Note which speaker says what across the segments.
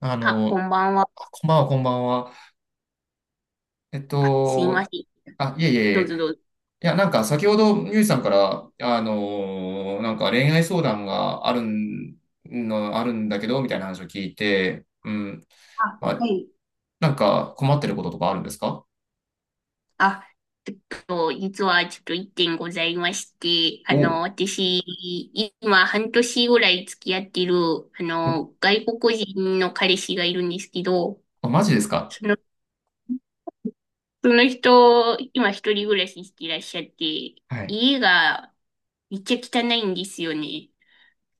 Speaker 1: あ
Speaker 2: あ、こ
Speaker 1: の、
Speaker 2: んばんは。
Speaker 1: こんばんは、こんばんは。えっ
Speaker 2: あ、すいま
Speaker 1: と、
Speaker 2: せん。
Speaker 1: あ、いえいえい
Speaker 2: どうぞど
Speaker 1: え。
Speaker 2: うぞ。
Speaker 1: いや、なんか先ほど、ミュージさんから、なんか恋愛相談があるん、の、あるんだけど、みたいな話を聞いて、うん。
Speaker 2: あ、
Speaker 1: ま
Speaker 2: は
Speaker 1: あ、
Speaker 2: い。
Speaker 1: なんか困ってることとかあるんですか？
Speaker 2: あ、えっ実はちょっと一点ございまして、
Speaker 1: お
Speaker 2: あの、
Speaker 1: う
Speaker 2: 私、今半年ぐらい付き合ってる、あ
Speaker 1: お、
Speaker 2: の、外国人の彼氏がいるんですけど、
Speaker 1: あ、マジですか？
Speaker 2: その、その人、今一人暮らししていらっしゃって、
Speaker 1: はい。
Speaker 2: 家がめっちゃ汚いんですよね。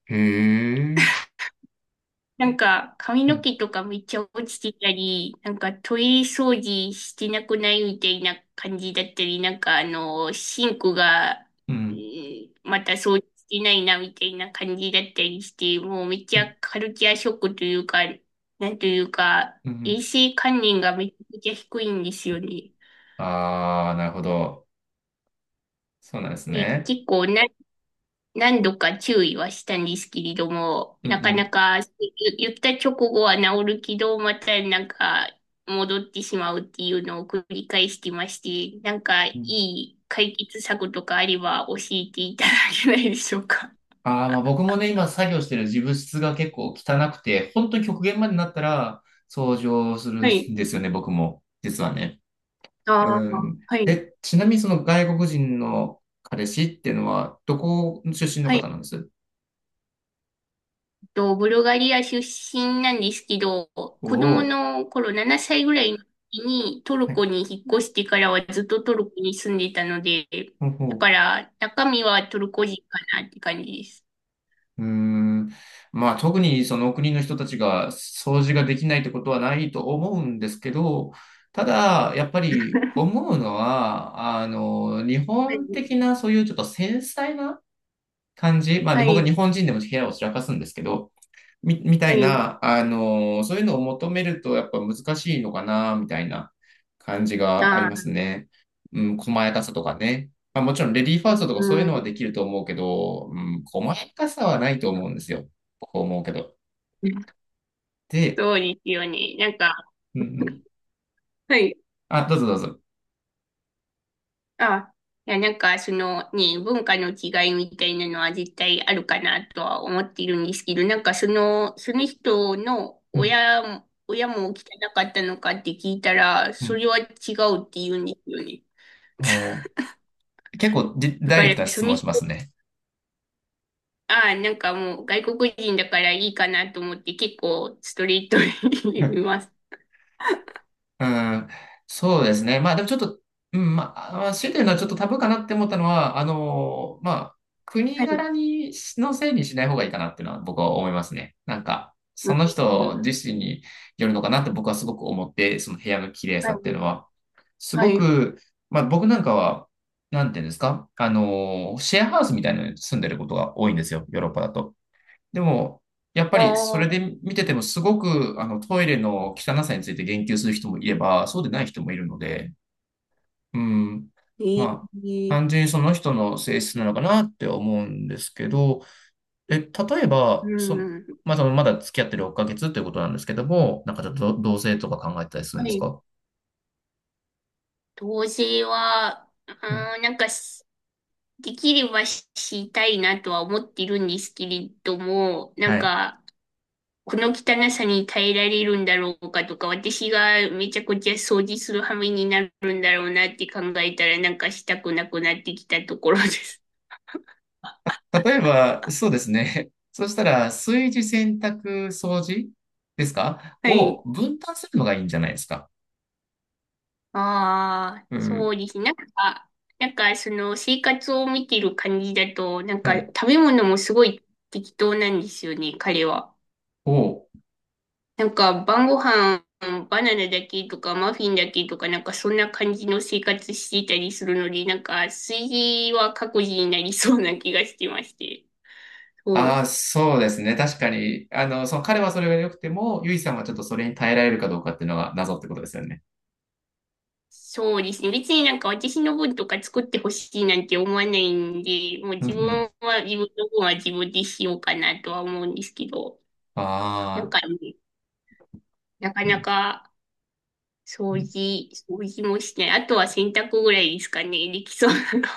Speaker 1: へえ。
Speaker 2: なんか、髪
Speaker 1: う
Speaker 2: の
Speaker 1: ん、
Speaker 2: 毛とかめっちゃ落ちてたり、なんかトイレ掃除してなくないみたいな感じだったり、なんかあの、シンクが、
Speaker 1: うん、
Speaker 2: また掃除してないなみたいな感じだったりして、もうめっ
Speaker 1: う
Speaker 2: ち
Speaker 1: ん、
Speaker 2: ゃカルチャーショックというか、なんというか、
Speaker 1: うん。う
Speaker 2: 衛
Speaker 1: ん、
Speaker 2: 生観念がめちゃくちゃ低いんですよね。
Speaker 1: あー、なるほど。そうなんです
Speaker 2: で、
Speaker 1: ね。
Speaker 2: 結構な何度か注意はしたんですけれども、
Speaker 1: う
Speaker 2: なかな
Speaker 1: ん、
Speaker 2: かゆ言った直後は治るけど、またなんか戻ってしまうっていうのを繰り返してまして、なんか
Speaker 1: う
Speaker 2: い
Speaker 1: ん。
Speaker 2: い解決策とかあれば教えていただけないでしょうか。
Speaker 1: ああ、まあ僕もね、今作業してる自分室が結構汚くて、本当に極限までなったら掃除をする
Speaker 2: はい。
Speaker 1: んですよね、僕も。実はね。
Speaker 2: ああ、
Speaker 1: うん。
Speaker 2: はい。
Speaker 1: え、ちなみにその外国人の彼氏っていうのは、どこ出身の
Speaker 2: は
Speaker 1: 方
Speaker 2: い。
Speaker 1: なんです？
Speaker 2: と、ブルガリア出身なんですけど、
Speaker 1: お
Speaker 2: 子供
Speaker 1: お
Speaker 2: の頃7歳ぐらいの時にトル
Speaker 1: ー。は
Speaker 2: コ
Speaker 1: い。
Speaker 2: に引っ越してからはずっとトルコに住んでたので、
Speaker 1: ほう
Speaker 2: だか
Speaker 1: ほ
Speaker 2: ら中身はトルコ人かなって感じです。
Speaker 1: う。うーん。まあ特にその国の人たちが掃除ができないってことはないと思うんですけど、ただ、やっぱり思うのは、日
Speaker 2: はい、
Speaker 1: 本的なそういうちょっと繊細な感じ、まあ、
Speaker 2: は
Speaker 1: 僕は
Speaker 2: い、
Speaker 1: 日本人でも部屋を散らかすんですけど、みた
Speaker 2: は
Speaker 1: い
Speaker 2: い。
Speaker 1: な、そういうのを求めるとやっぱ難しいのかな、みたいな感じがあり
Speaker 2: あ
Speaker 1: ます
Speaker 2: あ、
Speaker 1: ね。うん、細やかさとかね。まあ、もちろんレディーフ
Speaker 2: う
Speaker 1: ァーストとかそういうのはで
Speaker 2: ん。
Speaker 1: きると思うけど、うん、細やかさはないと思うんですよ。こう思うけど。で、
Speaker 2: そうですよね。なんか、
Speaker 1: うんうん。
Speaker 2: はい。
Speaker 1: あ、どうぞどうぞ。
Speaker 2: あ、いや、なんか、そのね、文化の違いみたいなのは絶対あるかなとは思っているんですけど、なんかその、その人の
Speaker 1: うん、
Speaker 2: 親も、親も汚かったのかって聞いたら、
Speaker 1: う
Speaker 2: そ
Speaker 1: ん。
Speaker 2: れは違うって言うんですよね。
Speaker 1: おー、 結構じ
Speaker 2: だ
Speaker 1: ダ
Speaker 2: か
Speaker 1: イレク
Speaker 2: ら、
Speaker 1: トな
Speaker 2: そ
Speaker 1: 質
Speaker 2: の
Speaker 1: 問しま
Speaker 2: 人、
Speaker 1: すね。
Speaker 2: ああ、なんかもう外国人だからいいかなと思って結構ストレートに 言います。
Speaker 1: うん、そうですね。まあでもちょっと、うん、まあ、あ、強いて言うのはちょっとタブーかなって思ったのは、まあ、国
Speaker 2: はい。
Speaker 1: 柄にのせいにしない方がいいかなっていうのは僕は思いますね。なんか、
Speaker 2: う
Speaker 1: その人
Speaker 2: ん、
Speaker 1: 自身によるのかなって僕はすごく思って、その部屋の綺麗さ
Speaker 2: は
Speaker 1: っていう
Speaker 2: い。
Speaker 1: のは。す
Speaker 2: は
Speaker 1: ご
Speaker 2: い。
Speaker 1: く、まあ僕なんかは、なんていうんですか、シェアハウスみたいなのに住んでることが多いんですよ、ヨーロッパだと。でも、やっぱ
Speaker 2: あ
Speaker 1: りそ
Speaker 2: あ、
Speaker 1: れで見ててもすごくトイレの汚さについて言及する人もいれば、そうでない人もいるので、うん、
Speaker 2: ええ
Speaker 1: まあ、単純にその人の性質なのかなって思うんですけど、え、例えば、
Speaker 2: うん。
Speaker 1: まあ、そのまだ付き合ってる6ヶ月ということなんですけども、なんかちょっと同性とか考えてたりするん
Speaker 2: は
Speaker 1: です
Speaker 2: い。
Speaker 1: か？
Speaker 2: 同棲は、
Speaker 1: うん。
Speaker 2: あー、なんかし、できればししたいなとは思っているんですけれども、なん
Speaker 1: はい。
Speaker 2: か、この汚さに耐えられるんだろうかとか、私がめちゃくちゃ掃除する羽目になるんだろうなって考えたら、なんかしたくなくなってきたところです。
Speaker 1: 例えば、そうですね。そしたら、炊事、洗濯、掃除ですか
Speaker 2: は
Speaker 1: を
Speaker 2: い。
Speaker 1: 分担するのがいいんじゃないですか？
Speaker 2: ああ、
Speaker 1: う
Speaker 2: そ
Speaker 1: ん。
Speaker 2: うですね。なんか、なんかその生活を見てる感じだと、なん
Speaker 1: は
Speaker 2: か
Speaker 1: い、
Speaker 2: 食べ物もすごい適当なんですよね、彼は。
Speaker 1: おう。
Speaker 2: なんか晩ご飯バナナだけとかマフィンだけとかなんかそんな感じの生活していたりするので、なんか炊事は各自になりそうな気がしてまして。そ
Speaker 1: ああ、
Speaker 2: う。
Speaker 1: そうですね。確かに、その彼はそれが良くても、ユイさんはちょっとそれに耐えられるかどうかっていうのが謎ってことですよね。
Speaker 2: そうですね。別になんか私の分とか作ってほしいなんて思わないんで、もう
Speaker 1: うんう
Speaker 2: 自
Speaker 1: ん。
Speaker 2: 分は自分の分は自分でしようかなとは思うんですけど、なん
Speaker 1: ああ、
Speaker 2: かね、なか
Speaker 1: う
Speaker 2: な
Speaker 1: ん。
Speaker 2: か
Speaker 1: うん。
Speaker 2: 掃除もしてない。あとは洗濯ぐらいですかね。できそうなの。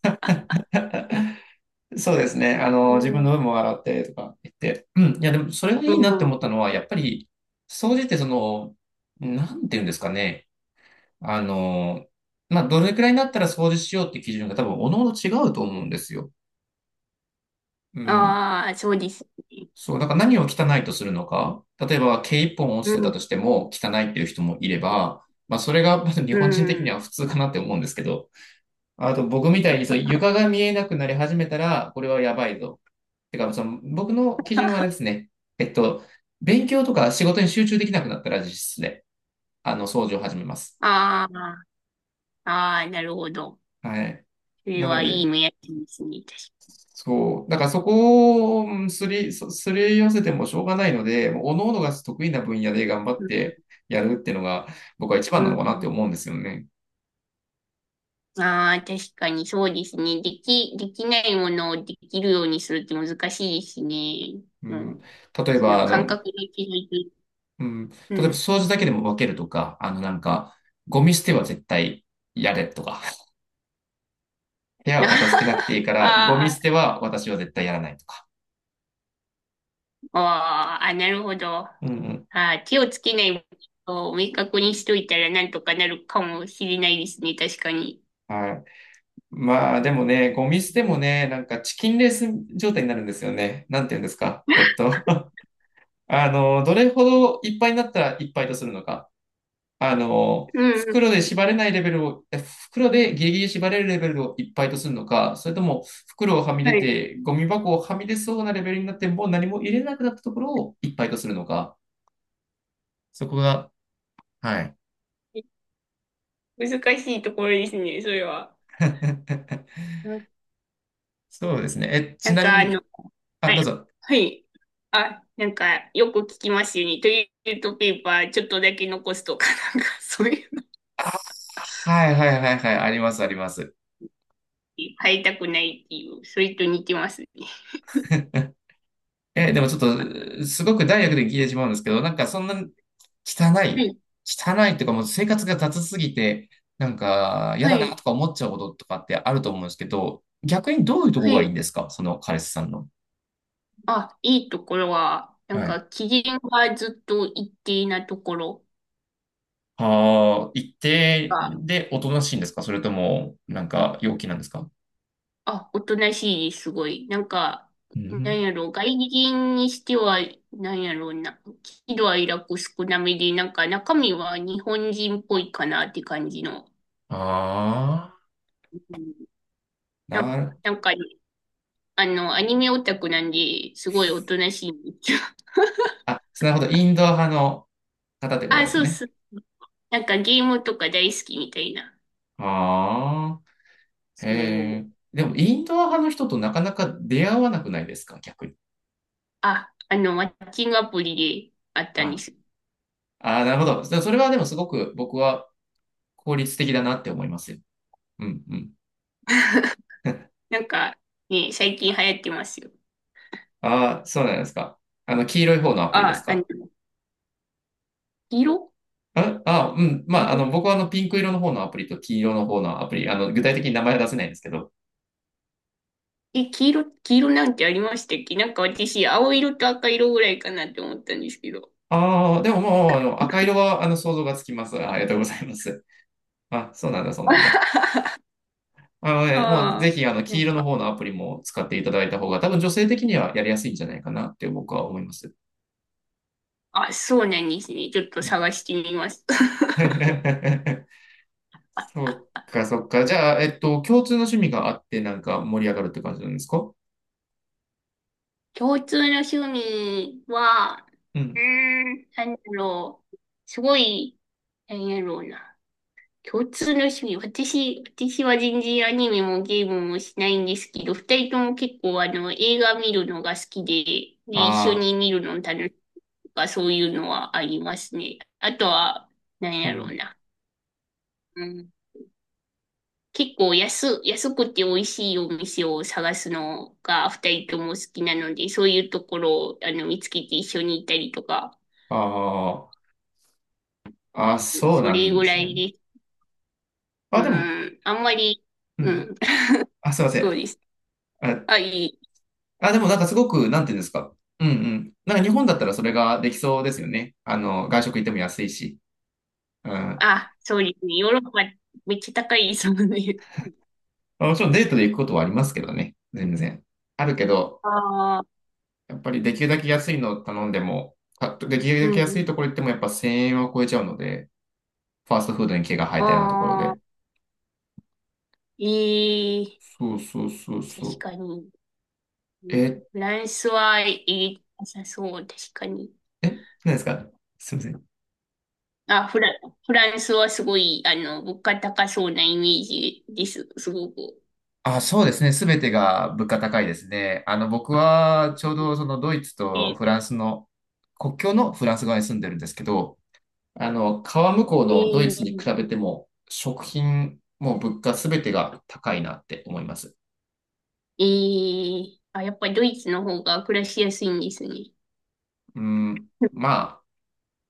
Speaker 1: そうですね。自分の分 も笑ってとか言って。うん。いや、でも、それがい
Speaker 2: う
Speaker 1: いなって
Speaker 2: ん。
Speaker 1: 思っ
Speaker 2: う
Speaker 1: た
Speaker 2: ん
Speaker 1: のは、やっぱり、総じてその、なんていうんですかね。あの、まあ、どれくらいになったら掃除しようって基準が多分、おのおの違うと思うんですよ。うん。
Speaker 2: ああ、そうですね。
Speaker 1: そう、だから何を汚いとするのか。例えば、毛一本落
Speaker 2: う
Speaker 1: ちてた
Speaker 2: ん、
Speaker 1: としても汚いっていう人もいれば、まあ、それがまず日
Speaker 2: う
Speaker 1: 本人的に
Speaker 2: ん。
Speaker 1: は普通かなって思うんですけど、あと僕みたいにそう床が見えなくなり始めたら、これはやばいぞ。てか、その僕の基準はあれで すね。えっと、勉強とか仕事に集中できなくなったら実質で、掃除を始めます。
Speaker 2: ああ、ああ、なるほど。
Speaker 1: はい。
Speaker 2: それ
Speaker 1: なの
Speaker 2: はいい
Speaker 1: で、
Speaker 2: 目安ですね。確か
Speaker 1: そう。だからそこをうんすり、そすり寄せてもしょうがないので、もう各々が得意な分野で頑張ってやるっていうのが僕は一
Speaker 2: う
Speaker 1: 番な
Speaker 2: ん、う
Speaker 1: のかなって
Speaker 2: ん。
Speaker 1: 思うんですよね。
Speaker 2: ああ、確かにそうですね。できないものをできるようにするって難しいですね。
Speaker 1: う
Speaker 2: う
Speaker 1: ん、
Speaker 2: ん。
Speaker 1: 例え
Speaker 2: そ
Speaker 1: ば、
Speaker 2: の
Speaker 1: あ
Speaker 2: 感
Speaker 1: の、
Speaker 2: 覚で気づいて。
Speaker 1: うん、例
Speaker 2: う
Speaker 1: えば
Speaker 2: ん。
Speaker 1: 掃除だけでも分けるとか、なんか、ゴミ捨ては絶対やれとか、部屋は片付けなくていいか ら、ゴミ
Speaker 2: あー
Speaker 1: 捨ては私は絶対やらないとか。
Speaker 2: あー、あ、なるほど。あ
Speaker 1: うん
Speaker 2: あ、手をつけないことを明確にしといたらなんとかなるかもしれないですね。確かに。
Speaker 1: うん。はい。まあでもね、ゴミ捨て
Speaker 2: う
Speaker 1: も
Speaker 2: ん
Speaker 1: ね、なんかチキンレース状態になるんですよね。なんて言うんですか。どれほどいっぱいになったらいっぱいとするのか。
Speaker 2: うん
Speaker 1: 袋で縛れないレベルを、え袋でギリギリ縛れるレベルをいっぱいとするのか、それとも袋をはみ
Speaker 2: は
Speaker 1: 出
Speaker 2: い。
Speaker 1: て、ゴミ箱をはみ出そうなレベルになって、もう何も入れなくなったところをいっぱいとするのか。そこが、はい。
Speaker 2: 難しいところですね、それは。うん
Speaker 1: そうですね。え、
Speaker 2: な
Speaker 1: ち
Speaker 2: ん
Speaker 1: なみ
Speaker 2: か、あ
Speaker 1: に、
Speaker 2: の、
Speaker 1: あ、
Speaker 2: は
Speaker 1: どう
Speaker 2: い。
Speaker 1: ぞ。
Speaker 2: はい。あ、なんか、よく聞きますよね。トイレットペーパーちょっとだけ残すとか、なんか、そういうの
Speaker 1: あ、はいはいはいはい、ありますあります。
Speaker 2: に変えたくないっていう、それと似てますね。
Speaker 1: え、でもちょっと、すごくダイレクトに聞いてしまうんですけど、なんかそんな汚
Speaker 2: は
Speaker 1: い。
Speaker 2: い。
Speaker 1: 汚いっていうか、もう生活が雑すぎて、なんか、嫌
Speaker 2: は
Speaker 1: だな
Speaker 2: い。
Speaker 1: とか思っちゃうこととかってあると思うんですけど、逆にどういうとこ
Speaker 2: は
Speaker 1: がいい
Speaker 2: い。
Speaker 1: んですか？その彼氏さんの。
Speaker 2: あ、いいところは、なん
Speaker 1: は
Speaker 2: か、
Speaker 1: い。
Speaker 2: 機嫌がずっと一定なところ
Speaker 1: ああ、一定
Speaker 2: が、
Speaker 1: でおとなしいんですか？それとも、なんか、陽気なんですか？
Speaker 2: あ、おとなしいです、すごい。なんか、
Speaker 1: う
Speaker 2: なん
Speaker 1: ん。
Speaker 2: やろう、外人にしては、なんやろうな、喜怒哀楽少なめで、なんか中身は日本人っぽいかなって感じの。
Speaker 1: ああ、
Speaker 2: うんなん
Speaker 1: なる、
Speaker 2: なんかね、あの、アニメオタクなんで、すごいおとなしいんですよ。
Speaker 1: あ、なるほど。インドア派の方ってこと
Speaker 2: あ、
Speaker 1: です
Speaker 2: そう
Speaker 1: ね。
Speaker 2: そう。なんかゲームとか大好きみたいな。
Speaker 1: ああ、へ
Speaker 2: そ
Speaker 1: え。
Speaker 2: う。
Speaker 1: でも、インドア派の人となかなか出会わなくないですか？逆に。
Speaker 2: あ、あの、マッチングアプリであったんで
Speaker 1: あ
Speaker 2: す。
Speaker 1: ああ、なるほど。それはでもすごく僕は効率的だなって思いますよ。うんうん。
Speaker 2: なんか、ね、最近流行ってますよ。
Speaker 1: ああ、そうなんですか。黄色い方のアプリです
Speaker 2: あ、あの、
Speaker 1: か？
Speaker 2: 色
Speaker 1: ああ、うん。まあ、
Speaker 2: 色
Speaker 1: 僕はピンク色の方のアプリと黄色の方のアプリ、具体的に名前は出せないんですけど。
Speaker 2: え、黄色なんてありましたっけ？なんか私、青色と赤色ぐらいかなって思ったんですけど。
Speaker 1: ああ、でももう、赤色は、想像がつきます。ありがとうございます。あ、そうなんだ、そうなんだ。あのね、もう、
Speaker 2: あ
Speaker 1: ぜ
Speaker 2: あ、
Speaker 1: ひ、
Speaker 2: な
Speaker 1: 黄
Speaker 2: ん
Speaker 1: 色の
Speaker 2: か、
Speaker 1: 方のアプリも使っていただいた方が、多分女性的にはやりやすいんじゃないかなって僕は思います。
Speaker 2: あ、そうなんですね。ちょっと
Speaker 1: うん。
Speaker 2: 探してみます。
Speaker 1: そっか、そっか。じゃあ、共通の趣味があって、なんか盛り上がるって感じなんですか？
Speaker 2: 共通の趣味は、
Speaker 1: う
Speaker 2: うー
Speaker 1: ん。
Speaker 2: ん、なんだろう。すごい、なんやろうな。共通の趣味。私は全然アニメもゲームもしないんですけど、二人とも結構あの、映画見るのが好きで、で、一緒
Speaker 1: あ
Speaker 2: に見るの楽しいとか、そういうのはありますね。あとは、なん
Speaker 1: あ、う
Speaker 2: やろう
Speaker 1: ん。
Speaker 2: な。うん。結構安くて美味しいお店を探すのが二人とも好きなので、そういうところをあの見つけて一緒に行ったりとか、
Speaker 1: ああ、あ、そう
Speaker 2: そ
Speaker 1: な
Speaker 2: れ
Speaker 1: ん
Speaker 2: ぐ
Speaker 1: で
Speaker 2: ら
Speaker 1: すね。
Speaker 2: いです。う
Speaker 1: あ、でも、
Speaker 2: ん。あんまり、
Speaker 1: う
Speaker 2: う
Speaker 1: ん。
Speaker 2: ん。
Speaker 1: あ、すいませ
Speaker 2: そう
Speaker 1: ん。
Speaker 2: です。
Speaker 1: あ、
Speaker 2: あ、いい。
Speaker 1: あ、でもなんかすごく、なんていうんですか。うんうん。なんか日本だったらそれができそうですよね。外食行っても安いし。うん。ま
Speaker 2: あ、そうですね。ヨーロッパめっちゃ高いですもんね。
Speaker 1: あもちろんデートで行くことはありますけどね。全然。あるけど、
Speaker 2: ああ、
Speaker 1: やっぱりできるだけ安いのを頼んでも、できるだけ
Speaker 2: う
Speaker 1: 安い
Speaker 2: ん。
Speaker 1: ところ行ってもやっぱ1000円は超えちゃうので、ファーストフードに毛が生えたようなところ
Speaker 2: ああ、
Speaker 1: で。
Speaker 2: いい。
Speaker 1: そうそうそうそ
Speaker 2: 確
Speaker 1: う。
Speaker 2: かに。うん
Speaker 1: え、
Speaker 2: フランスはいい。良さそう、確かに。
Speaker 1: え、何ですか？すみません。
Speaker 2: あ、フラ、フランスはすごい、あの、物価高そうなイメージです。すごく。
Speaker 1: あ、そうですね。すべてが物価高いですね。僕はちょうどそのドイツと
Speaker 2: え、
Speaker 1: フランスの、国境のフランス側に住んでるんですけど、川向こう
Speaker 2: え
Speaker 1: のドイツに比
Speaker 2: ー、
Speaker 1: べても、食品、も物価すべてが高いなって思います。
Speaker 2: えー、あ、やっぱりドイツの方が暮らしやすいんですね。
Speaker 1: うん、ま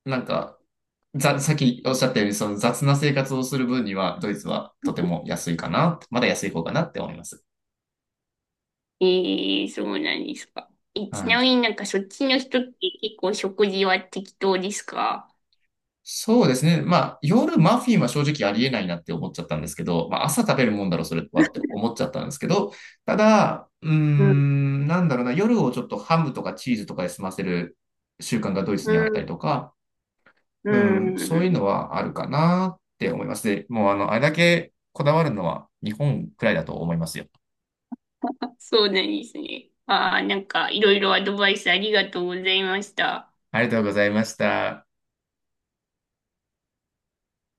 Speaker 1: あ、なんか、さっきおっしゃったように、その雑な生活をする分には、ドイツはとても安いかな、まだ安い方かなって思います。
Speaker 2: ええそうなんですか？え、ち
Speaker 1: は
Speaker 2: な
Speaker 1: い。
Speaker 2: みになんかそっちの人って結構食事は適当ですか？
Speaker 1: そうですね。まあ、夜マフィンは正直ありえないなって思っちゃったんですけど、まあ、朝食べるもんだろ、それはって思っちゃったんですけど、ただ、うー
Speaker 2: うん。
Speaker 1: ん、なんだろうな、夜をちょっとハムとかチーズとかで済ませる習慣がドイツ
Speaker 2: う
Speaker 1: にあったり
Speaker 2: ん。
Speaker 1: とか、
Speaker 2: う
Speaker 1: うん、そういうの
Speaker 2: ん。
Speaker 1: はあるかなって思います。で、もうあれだけこだわるのは日本くらいだと思いますよ。
Speaker 2: そうなんですね。ああ、なんかいろいろアドバイスありがとうございました。
Speaker 1: ありがとうございました。